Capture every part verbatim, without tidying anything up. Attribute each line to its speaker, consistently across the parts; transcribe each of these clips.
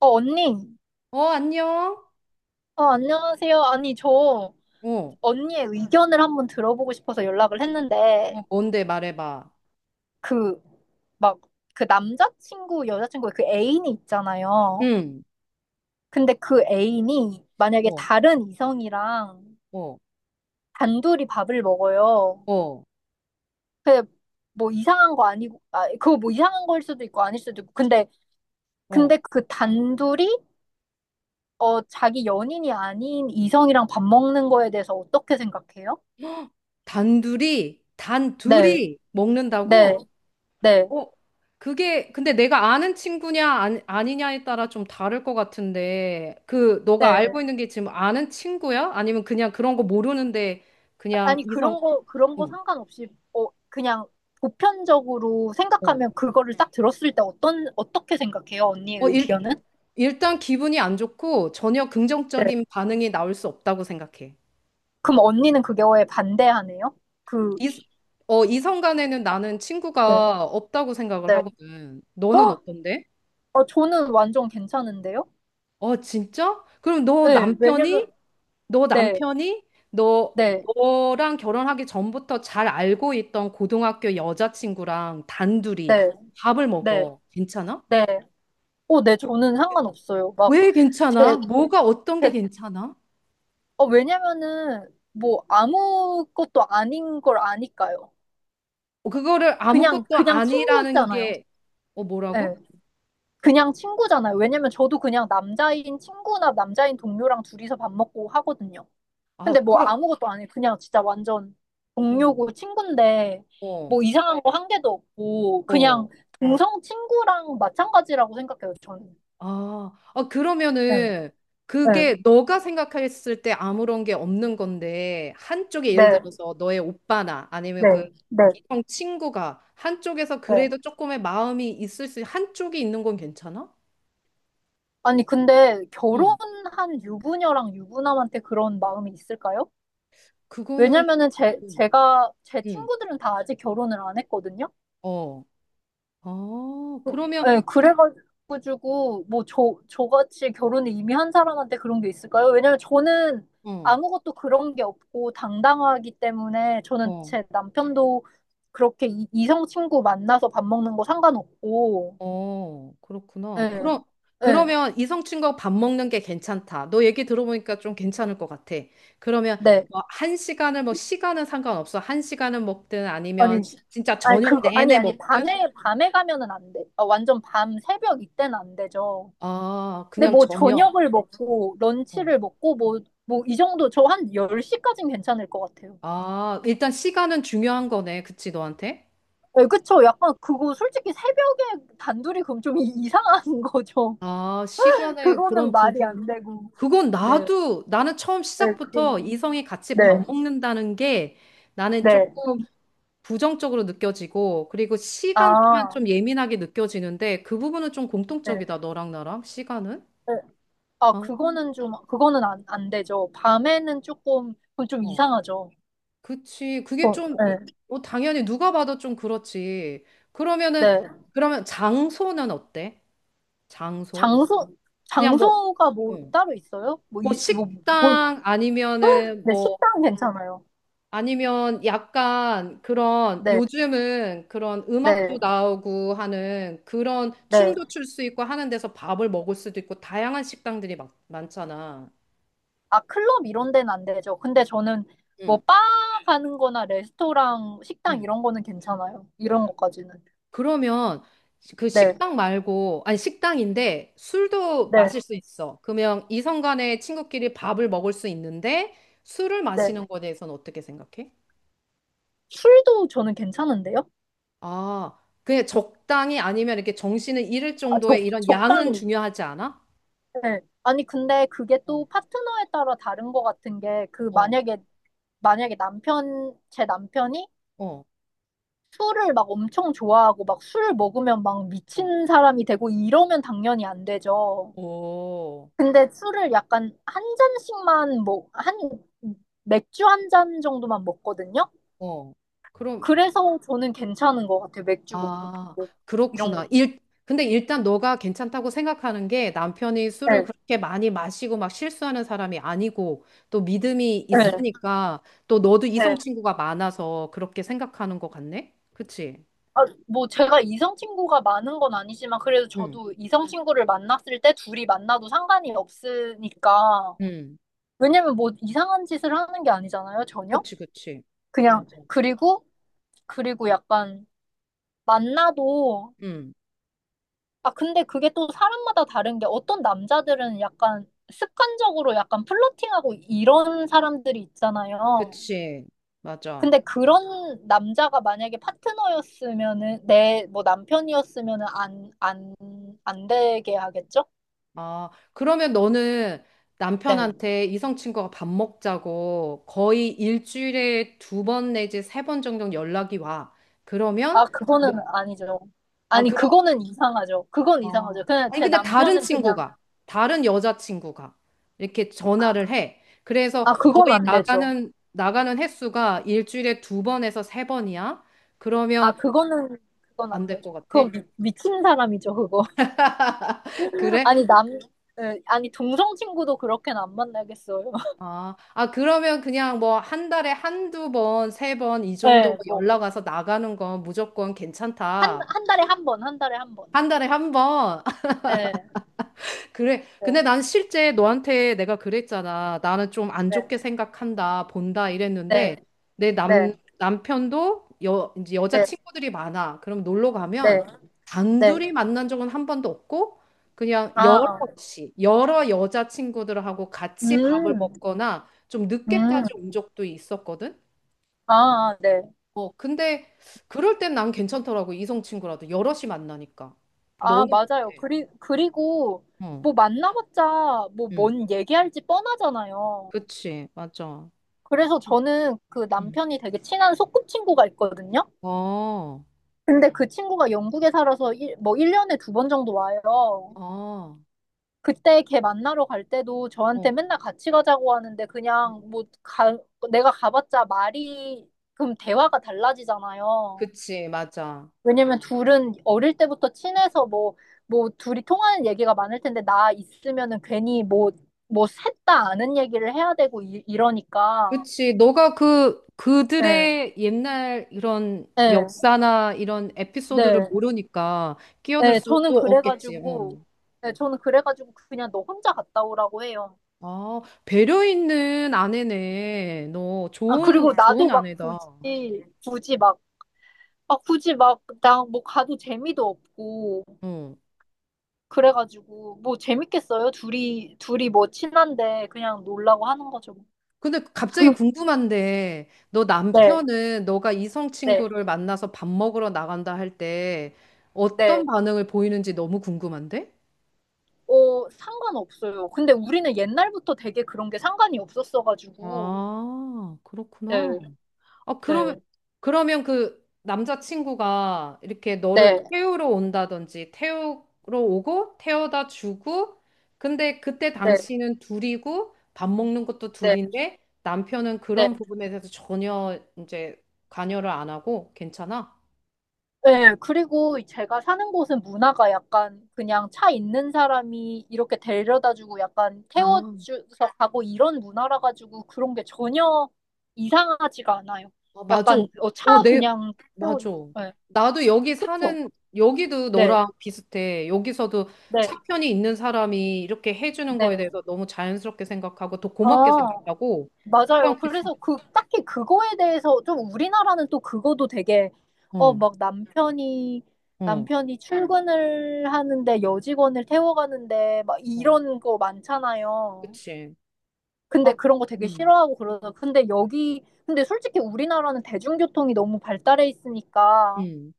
Speaker 1: 어, 언니.
Speaker 2: 어, 안녕?
Speaker 1: 어, 안녕하세요. 아니, 저
Speaker 2: 어,
Speaker 1: 언니의 의견을 한번 들어보고 싶어서 연락을 했는데,
Speaker 2: 어, 뭔데 말해봐.
Speaker 1: 그, 막, 그 남자친구, 여자친구의 그 애인이 있잖아요.
Speaker 2: 응,
Speaker 1: 근데 그 애인이 만약에
Speaker 2: 어,
Speaker 1: 다른 이성이랑
Speaker 2: 어,
Speaker 1: 단둘이 밥을 먹어요.
Speaker 2: 어,
Speaker 1: 근데 뭐 이상한 거 아니고, 아, 그거 뭐 이상한 거일 수도 있고 아닐 수도 있고. 근데,
Speaker 2: 어.
Speaker 1: 근데 그 단둘이, 어, 자기 연인이 아닌 이성이랑 밥 먹는 거에 대해서 어떻게 생각해요?
Speaker 2: 단둘이,
Speaker 1: 네,
Speaker 2: 단둘이
Speaker 1: 네,
Speaker 2: 먹는다고?
Speaker 1: 네.
Speaker 2: 어, 그게, 근데 내가 아는 친구냐, 아니, 아니냐에 따라 좀 다를 것 같은데, 그, 너가 알고
Speaker 1: 네.
Speaker 2: 있는 게 지금 아는 친구야? 아니면 그냥 그런 거 모르는데, 그냥
Speaker 1: 아니,
Speaker 2: 이성,
Speaker 1: 그런 거, 그런 거
Speaker 2: 응,
Speaker 1: 상관없이, 어, 그냥 보편적으로 생각하면
Speaker 2: 어.
Speaker 1: 그거를 딱 들었을 때 어떤, 어떻게 생각해요? 언니의
Speaker 2: 어, 일,
Speaker 1: 의견은?
Speaker 2: 일단 기분이 안 좋고, 전혀
Speaker 1: 네.
Speaker 2: 긍정적인 반응이 나올 수 없다고 생각해.
Speaker 1: 그럼 언니는 그게 왜 반대하네요? 그,
Speaker 2: 이, 어, 이성 간에는 나는
Speaker 1: 네.
Speaker 2: 친구가 없다고 생각을
Speaker 1: 네.
Speaker 2: 하거든. 너는
Speaker 1: 어,
Speaker 2: 어떤데?
Speaker 1: 어, 저는 완전 괜찮은데요?
Speaker 2: 어, 진짜? 그럼 너
Speaker 1: 네, 왜냐면,
Speaker 2: 남편이, 너
Speaker 1: 네,
Speaker 2: 남편이, 너,
Speaker 1: 네,
Speaker 2: 너랑 결혼하기 전부터 잘 알고 있던 고등학교 여자친구랑 단둘이
Speaker 1: 네,
Speaker 2: 밥을
Speaker 1: 네,
Speaker 2: 먹어. 괜찮아?
Speaker 1: 네. 어, 네, 저는 상관없어요. 막,
Speaker 2: 왜 괜찮아?
Speaker 1: 제,
Speaker 2: 뭐가 어떤 게
Speaker 1: 제,
Speaker 2: 괜찮아?
Speaker 1: 어, 왜냐면은, 뭐, 아무것도 아닌 걸 아니까요.
Speaker 2: 어, 그거를
Speaker 1: 그냥,
Speaker 2: 아무것도
Speaker 1: 그냥
Speaker 2: 아니라는
Speaker 1: 친구였잖아요.
Speaker 2: 게, 어, 뭐라고?
Speaker 1: 네.
Speaker 2: 어?
Speaker 1: 그냥 친구잖아요. 왜냐면 저도 그냥 남자인 친구나 남자인 동료랑 둘이서 밥 먹고 하거든요. 근데
Speaker 2: 아,
Speaker 1: 뭐
Speaker 2: 그럼,
Speaker 1: 아무것도 안 해. 그냥 진짜 완전
Speaker 2: 어.
Speaker 1: 동료고 친구인데
Speaker 2: 어,
Speaker 1: 뭐 이상한 거 한 개도 없고
Speaker 2: 어.
Speaker 1: 그냥 네. 동성 친구랑 마찬가지라고 생각해요, 저는.
Speaker 2: 아, 아,
Speaker 1: 네,
Speaker 2: 그러면은
Speaker 1: 네,
Speaker 2: 그게 너가 생각했을 때 아무런 게 없는 건데 한쪽에 예를
Speaker 1: 네,
Speaker 2: 들어서 너의 오빠나 아니면
Speaker 1: 네,
Speaker 2: 그
Speaker 1: 네,
Speaker 2: 이성 친구가 한쪽에서
Speaker 1: 네.
Speaker 2: 그래도 조금의 마음이 있을 수 한쪽이 있는 건 괜찮아?
Speaker 1: 아니, 근데
Speaker 2: 응.
Speaker 1: 결혼한 유부녀랑 유부남한테 그런 마음이 있을까요?
Speaker 2: 그거는
Speaker 1: 왜냐면은 제,
Speaker 2: 응.
Speaker 1: 제가, 제
Speaker 2: 응.
Speaker 1: 친구들은 다 아직 결혼을 안 했거든요.
Speaker 2: 어. 아,
Speaker 1: 어,
Speaker 2: 그러면
Speaker 1: 예, 그래가지고, 뭐, 저, 저같이 결혼을 이미 한 사람한테 그런 게 있을까요? 왜냐면 저는
Speaker 2: 어.
Speaker 1: 아무것도 그런 게 없고 당당하기 때문에 저는
Speaker 2: 어.
Speaker 1: 제 남편도 그렇게 이, 이성 친구 만나서 밥 먹는 거 상관없고,
Speaker 2: 어, 그렇구나.
Speaker 1: 예,
Speaker 2: 그럼,
Speaker 1: 예,
Speaker 2: 그러면 이성 친구하고 밥 먹는 게 괜찮다. 너 얘기 들어보니까 좀 괜찮을 것 같아. 그러면
Speaker 1: 네.
Speaker 2: 뭐 한 시간을 뭐 시간은 상관없어. 한 시간은 먹든 아니면
Speaker 1: 아니, 시-
Speaker 2: 진짜
Speaker 1: 아니,
Speaker 2: 저녁
Speaker 1: 그거, 아니,
Speaker 2: 내내
Speaker 1: 아니,
Speaker 2: 먹든.
Speaker 1: 밤에, 밤에 가면은 안 돼. 어, 완전 밤, 새벽 이때는 안 되죠.
Speaker 2: 아,
Speaker 1: 근데
Speaker 2: 그냥
Speaker 1: 뭐
Speaker 2: 저녁.
Speaker 1: 저녁을 먹고,
Speaker 2: 어.
Speaker 1: 런치를 먹고, 뭐, 뭐, 이 정도, 저 한 열 시까지는 괜찮을 것 같아요.
Speaker 2: 아, 일단 시간은 중요한 거네. 그치, 너한테?
Speaker 1: 네, 그쵸. 약간 그거 솔직히 새벽에 단둘이 그럼 좀 이- 이상한 거죠.
Speaker 2: 아, 시간의
Speaker 1: 그거는
Speaker 2: 그런
Speaker 1: 말이
Speaker 2: 부분.
Speaker 1: 안 되고.
Speaker 2: 그건
Speaker 1: 네.
Speaker 2: 나도, 나는 처음
Speaker 1: 네,
Speaker 2: 시작부터
Speaker 1: 그,
Speaker 2: 이성이 같이 밥
Speaker 1: 네,
Speaker 2: 먹는다는 게 나는 조금
Speaker 1: 네.
Speaker 2: 부정적으로 느껴지고, 그리고 시간 또한
Speaker 1: 아,
Speaker 2: 좀 예민하게 느껴지는데, 그 부분은 좀
Speaker 1: 네.
Speaker 2: 공통적이다, 너랑 나랑, 시간은?
Speaker 1: 네. 아,
Speaker 2: 아,
Speaker 1: 그거는 좀, 그거는 안, 안 되죠. 밤에는 조금, 그건 좀
Speaker 2: 어.
Speaker 1: 이상하죠.
Speaker 2: 그치. 그게
Speaker 1: 어,
Speaker 2: 좀, 이-
Speaker 1: 네.
Speaker 2: 어, 당연히 누가 봐도 좀 그렇지. 그러면은,
Speaker 1: 네.
Speaker 2: 그러면 장소는 어때? 장소?
Speaker 1: 장소,
Speaker 2: 그냥 뭐,
Speaker 1: 장소가 뭐
Speaker 2: 어,
Speaker 1: 따로 있어요? 뭐,
Speaker 2: 뭐
Speaker 1: 이, 뭐, 뭘,
Speaker 2: 식당 아니면은
Speaker 1: 네,
Speaker 2: 뭐
Speaker 1: 식당 괜찮아요.
Speaker 2: 아니면 약간 그런
Speaker 1: 네,
Speaker 2: 요즘은 그런 음악도
Speaker 1: 네,
Speaker 2: 나오고 하는 그런
Speaker 1: 네.
Speaker 2: 춤도 출 수 있고 하는 데서 밥을 먹을 수도 있고 다양한 식당들이 막, 많잖아.
Speaker 1: 아, 클럽 이런 데는 안 되죠. 근데 저는 뭐,
Speaker 2: 응,
Speaker 1: 바 가는 거나 레스토랑, 식당
Speaker 2: 응.
Speaker 1: 이런 거는 괜찮아요. 이런 것까지는.
Speaker 2: 그러면 그
Speaker 1: 네,
Speaker 2: 식당 말고 아니 식당인데 술도
Speaker 1: 네,
Speaker 2: 마실 수 있어. 그러면 이성 간에 친구끼리 밥을 먹을 수 있는데 술을 마시는
Speaker 1: 네.
Speaker 2: 거에 대해서는 어떻게 생각해?
Speaker 1: 술도 저는 괜찮은데요?
Speaker 2: 아, 그냥 적당히 아니면 이렇게 정신을 잃을
Speaker 1: 아,
Speaker 2: 정도의
Speaker 1: 적,
Speaker 2: 이런 양은
Speaker 1: 적당히.
Speaker 2: 중요하지 않아?
Speaker 1: 네. 아니, 근데 그게
Speaker 2: 어,
Speaker 1: 또 파트너에 따라 다른 것 같은 게, 그,
Speaker 2: 어,
Speaker 1: 만약에, 만약에, 남편, 제 남편이
Speaker 2: 어.
Speaker 1: 술을 막 엄청 좋아하고, 막 술 먹으면 막
Speaker 2: 어,
Speaker 1: 미친 사람이 되고, 이러면 당연히 안 되죠.
Speaker 2: 오,
Speaker 1: 근데 술을 약간 한 잔씩만 뭐, 한, 맥주 한 잔 정도만 먹거든요?
Speaker 2: 어. 그럼,
Speaker 1: 그래서 저는 괜찮은 것 같아요. 맥주 먹는,
Speaker 2: 아,
Speaker 1: 뭐, 이런
Speaker 2: 그렇구나.
Speaker 1: 것도.
Speaker 2: 일, 근데 일단 너가 괜찮다고 생각하는 게 남편이 술을
Speaker 1: 네,
Speaker 2: 그렇게 많이 마시고 막 실수하는 사람이 아니고 또 믿음이
Speaker 1: 네,
Speaker 2: 있으니까 또 너도
Speaker 1: 네.
Speaker 2: 이성 친구가 많아서 그렇게 생각하는 것 같네? 그치?
Speaker 1: 아, 뭐, 제가 이성 친구가 많은 건 아니지만, 그래도
Speaker 2: 응.
Speaker 1: 저도 이성 친구를 만났을 때 둘이 만나도 상관이 없으니까.
Speaker 2: 응,
Speaker 1: 왜냐면 뭐, 이상한 짓을 하는 게 아니잖아요, 전혀?
Speaker 2: 그치, 그치.
Speaker 1: 그냥,
Speaker 2: 맞아.
Speaker 1: 그리고, 그리고 약간, 만나도
Speaker 2: 응,
Speaker 1: 아, 근데 그게 또 사람마다 다른 게 어떤 남자들은 약간 습관적으로 약간 플러팅하고 이런 사람들이 있잖아요.
Speaker 2: 그치. 맞아.
Speaker 1: 근데 그런 남자가 만약에 파트너였으면은 내 뭐 남편이었으면은 안, 안, 안 되게 하겠죠?
Speaker 2: 아, 그러면 너는
Speaker 1: 네.
Speaker 2: 남편한테 이성 친구가 밥 먹자고 거의 일주일에 두 번 내지 세 번 정도 연락이 와. 그러면
Speaker 1: 아, 그거는
Speaker 2: 너,
Speaker 1: 아니죠.
Speaker 2: 아,
Speaker 1: 아니,
Speaker 2: 그럼
Speaker 1: 그거는 이상하죠. 그건 이상하죠.
Speaker 2: 아.
Speaker 1: 그냥
Speaker 2: 아니
Speaker 1: 제
Speaker 2: 근데 다른
Speaker 1: 남편은 그냥
Speaker 2: 친구가 다른 여자 친구가 이렇게
Speaker 1: 아,
Speaker 2: 전화를 해. 그래서
Speaker 1: 아,
Speaker 2: 거의
Speaker 1: 그건 안 되죠.
Speaker 2: 나가는 나가는 횟수가 일주일에 두 번에서 세 번이야.
Speaker 1: 아,
Speaker 2: 그러면
Speaker 1: 그거는 그건
Speaker 2: 안
Speaker 1: 안
Speaker 2: 될 것
Speaker 1: 되죠.
Speaker 2: 같아.
Speaker 1: 그건 미, 미친 사람이죠, 그거.
Speaker 2: 그래?
Speaker 1: 아니, 남, 예, 아니, 동성 친구도 그렇게는 안 만나겠어요.
Speaker 2: 아, 아, 그러면 그냥 뭐 한 달에 한두 번, 세 번 이 정도 뭐
Speaker 1: 예, 뭐,
Speaker 2: 연락 와서 나가는 건 무조건
Speaker 1: 한,
Speaker 2: 괜찮다.
Speaker 1: 한 달에 한 번, 한 달에 한 번.
Speaker 2: 한 달에 한 번.
Speaker 1: 예,
Speaker 2: 그래.
Speaker 1: 네,
Speaker 2: 근데 난 실제 너한테 내가 그랬잖아. 나는 좀 안 좋게
Speaker 1: 네,
Speaker 2: 생각한다, 본다 이랬는데
Speaker 1: 네,
Speaker 2: 내 남,
Speaker 1: 네,
Speaker 2: 남편도 여, 이제 여자
Speaker 1: 네,
Speaker 2: 친구들이 많아. 그럼 놀러
Speaker 1: 네,
Speaker 2: 가면
Speaker 1: 네.
Speaker 2: 단둘이 만난 적은 한 번도 없고 그냥
Speaker 1: 아, 아.
Speaker 2: 여럿이, 여러 여자 친구들하고 같이 밥을
Speaker 1: 음,
Speaker 2: 먹거나 좀
Speaker 1: 음,
Speaker 2: 늦게까지 온 적도 있었거든.
Speaker 1: 아, 아, 네.
Speaker 2: 어, 근데 그럴 땐 난 괜찮더라고. 이성 친구라도 여럿이 만나니까.
Speaker 1: 아,
Speaker 2: 너는
Speaker 1: 맞아요.
Speaker 2: 어때?
Speaker 1: 그리, 그리고,
Speaker 2: 어,
Speaker 1: 뭐, 만나봤자, 뭐,
Speaker 2: 응,
Speaker 1: 뭔 얘기할지 뻔하잖아요.
Speaker 2: 그치, 맞아.
Speaker 1: 그래서 저는 그
Speaker 2: 응,
Speaker 1: 남편이 되게 친한 소꿉친구가 있거든요.
Speaker 2: 어,
Speaker 1: 근데 그 친구가 영국에 살아서 일, 뭐 일 년에 두 번 정도 와요.
Speaker 2: 아, 어,
Speaker 1: 그때 걔 만나러 갈 때도 저한테
Speaker 2: 어.
Speaker 1: 맨날 같이 가자고 하는데 그냥 뭐 가, 내가 가봤자 말이 그럼 대화가 달라지잖아요.
Speaker 2: 그치, 맞아.
Speaker 1: 왜냐면 둘은 어릴 때부터 친해서 뭐, 뭐 둘이 통하는 얘기가 많을 텐데 나 있으면은 괜히 뭐, 뭐 셋 다 아는 얘기를 해야 되고 이, 이러니까.
Speaker 2: 그치, 너가 그,
Speaker 1: 예,
Speaker 2: 그들의 옛날 이런
Speaker 1: 예,
Speaker 2: 역사나 이런 에피소드를
Speaker 1: 네.
Speaker 2: 모르니까 끼어들
Speaker 1: 예, 저는
Speaker 2: 수도 없겠지,
Speaker 1: 그래가지고,
Speaker 2: 응.
Speaker 1: 예, 저는 그래가지고 그냥 너 혼자 갔다 오라고 해요.
Speaker 2: 아, 배려 있는 아내네. 너
Speaker 1: 아,
Speaker 2: 좋은,
Speaker 1: 그리고
Speaker 2: 좋은
Speaker 1: 나도 막
Speaker 2: 아내다.
Speaker 1: 굳이, 굳이 막 아, 굳이 막, 나 뭐 가도 재미도 없고,
Speaker 2: 응.
Speaker 1: 그래가지고, 뭐 재밌겠어요? 둘이, 둘이 뭐 친한데 그냥 놀라고 하는 거죠.
Speaker 2: 근데 갑자기 궁금한데, 너
Speaker 1: 네,
Speaker 2: 남편은 너가 이성
Speaker 1: 네,
Speaker 2: 친구를 만나서 밥 먹으러 나간다 할 때 어떤
Speaker 1: 네.
Speaker 2: 반응을 보이는지 너무 궁금한데?
Speaker 1: 어, 상관없어요. 근데 우리는 옛날부터 되게 그런 게 상관이 없었어가지고,
Speaker 2: 아, 그렇구나.
Speaker 1: 네,
Speaker 2: 아, 그러면,
Speaker 1: 네,
Speaker 2: 그러면 그 남자친구가 이렇게 너를
Speaker 1: 네,
Speaker 2: 태우러 온다든지, 태우러 오고, 태워다 주고, 근데 그때
Speaker 1: 네,
Speaker 2: 당신은 둘이고, 밥 먹는 것도
Speaker 1: 네,
Speaker 2: 둘인데, 남편은
Speaker 1: 네.
Speaker 2: 그런 부분에 대해서 전혀 이제 관여를 안 하고, 괜찮아?
Speaker 1: 네, 그리고 제가 사는 곳은 문화가 약간 그냥 차 있는 사람이 이렇게 데려다주고 약간
Speaker 2: 아,
Speaker 1: 태워줘서 가고 이런 문화라 가지고 그런 게 전혀 이상하지가 않아요.
Speaker 2: 아, 맞아.
Speaker 1: 약간 어, 차
Speaker 2: 어, 내,
Speaker 1: 그냥
Speaker 2: 맞아.
Speaker 1: 태워주고. 네,
Speaker 2: 나도 여기
Speaker 1: 그쵸?
Speaker 2: 사는, 여기도
Speaker 1: 네,
Speaker 2: 너랑 비슷해. 여기서도
Speaker 1: 네,
Speaker 2: 차편이 있는 사람이 이렇게 해주는 거에
Speaker 1: 네.
Speaker 2: 대해서 너무 자연스럽게 생각하고 더
Speaker 1: 아,
Speaker 2: 고맙게 생각하고.
Speaker 1: 맞아요.
Speaker 2: 그냥 비슷해.
Speaker 1: 그래서 그, 딱히 그거에 대해서 좀 우리나라는 또 그거도 되게, 어,
Speaker 2: 응,
Speaker 1: 막 남편이,
Speaker 2: 응,
Speaker 1: 남편이 출근을 하는데 여직원을 태워가는데 막
Speaker 2: 어,
Speaker 1: 이런 거 많잖아요.
Speaker 2: 그치.
Speaker 1: 근데
Speaker 2: 아,
Speaker 1: 그런 거 되게
Speaker 2: 응,
Speaker 1: 싫어하고 그러죠. 근데 여기, 근데 솔직히 우리나라는 대중교통이 너무 발달해 있으니까
Speaker 2: 응.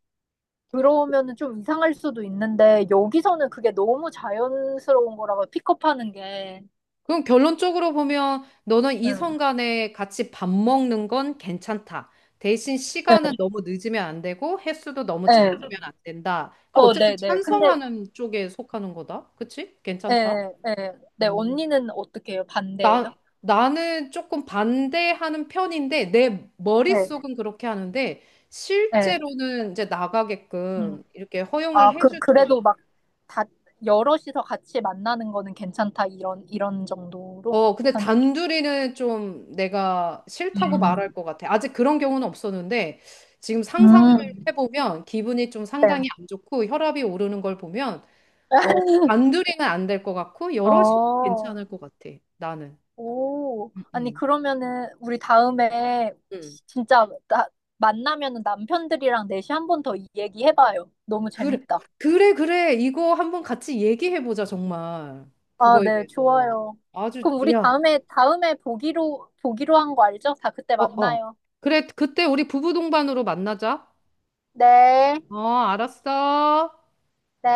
Speaker 1: 그러면은 좀 이상할 수도 있는데 여기서는 그게 너무 자연스러운 거라고 픽업하는 게.
Speaker 2: 그럼 결론적으로 보면 너는 이성
Speaker 1: 응.
Speaker 2: 간에 같이 밥 먹는 건 괜찮다. 대신 시간은
Speaker 1: 네,
Speaker 2: 너무 늦으면 안 되고 횟수도 너무 잦으면
Speaker 1: 네.
Speaker 2: 안 된다. 그
Speaker 1: 어,
Speaker 2: 어쨌든
Speaker 1: 네, 네. 근데
Speaker 2: 찬성하는 쪽에 속하는 거다. 그치? 괜찮다.
Speaker 1: 예, 예. 네,
Speaker 2: 음.
Speaker 1: 언니는 어떻게 해요?
Speaker 2: 나,
Speaker 1: 반대예요?
Speaker 2: 나는 조금 반대하는 편인데 내
Speaker 1: 네.
Speaker 2: 머릿속은 그렇게 하는데
Speaker 1: 네.
Speaker 2: 실제로는 이제
Speaker 1: 음.
Speaker 2: 나가게끔 이렇게 허용을
Speaker 1: 아, 그,
Speaker 2: 해주는 것
Speaker 1: 그래도
Speaker 2: 같아.
Speaker 1: 막 다, 여럿이서 같이 만나는 거는 괜찮다, 이런, 이런 정도로
Speaker 2: 어, 근데
Speaker 1: 하는.
Speaker 2: 단둘이는 좀 내가 싫다고 말할
Speaker 1: 음.
Speaker 2: 것 같아. 아직 그런 경우는 없었는데 지금 상상을
Speaker 1: 음.
Speaker 2: 해보면 기분이 좀
Speaker 1: 네.
Speaker 2: 상당히 안 좋고 혈압이 오르는 걸 보면 어, 단둘이는 안 될 것 같고 여럿이
Speaker 1: 어,
Speaker 2: 괜찮을 것 같아. 나는.
Speaker 1: 오.
Speaker 2: 음,
Speaker 1: 아니,
Speaker 2: 음,
Speaker 1: 그러면은, 우리 다음에,
Speaker 2: 음.
Speaker 1: 시- 진짜, 나, 만나면은 남편들이랑 넷이 한 번 더 얘기해봐요. 너무
Speaker 2: 그래,
Speaker 1: 재밌다.
Speaker 2: 그래, 그래. 이거 한번 같이 얘기해보자, 정말.
Speaker 1: 아,
Speaker 2: 그거에
Speaker 1: 네,
Speaker 2: 대해서.
Speaker 1: 좋아요.
Speaker 2: 아주,
Speaker 1: 그럼 우리
Speaker 2: 야,
Speaker 1: 다음에, 다음에, 보기로, 보기로 한 거 알죠? 다 그때
Speaker 2: 어, 어.
Speaker 1: 만나요.
Speaker 2: 그래, 그때 우리 부부 동반으로 만나자.
Speaker 1: 네,
Speaker 2: 어, 알았어.
Speaker 1: 네.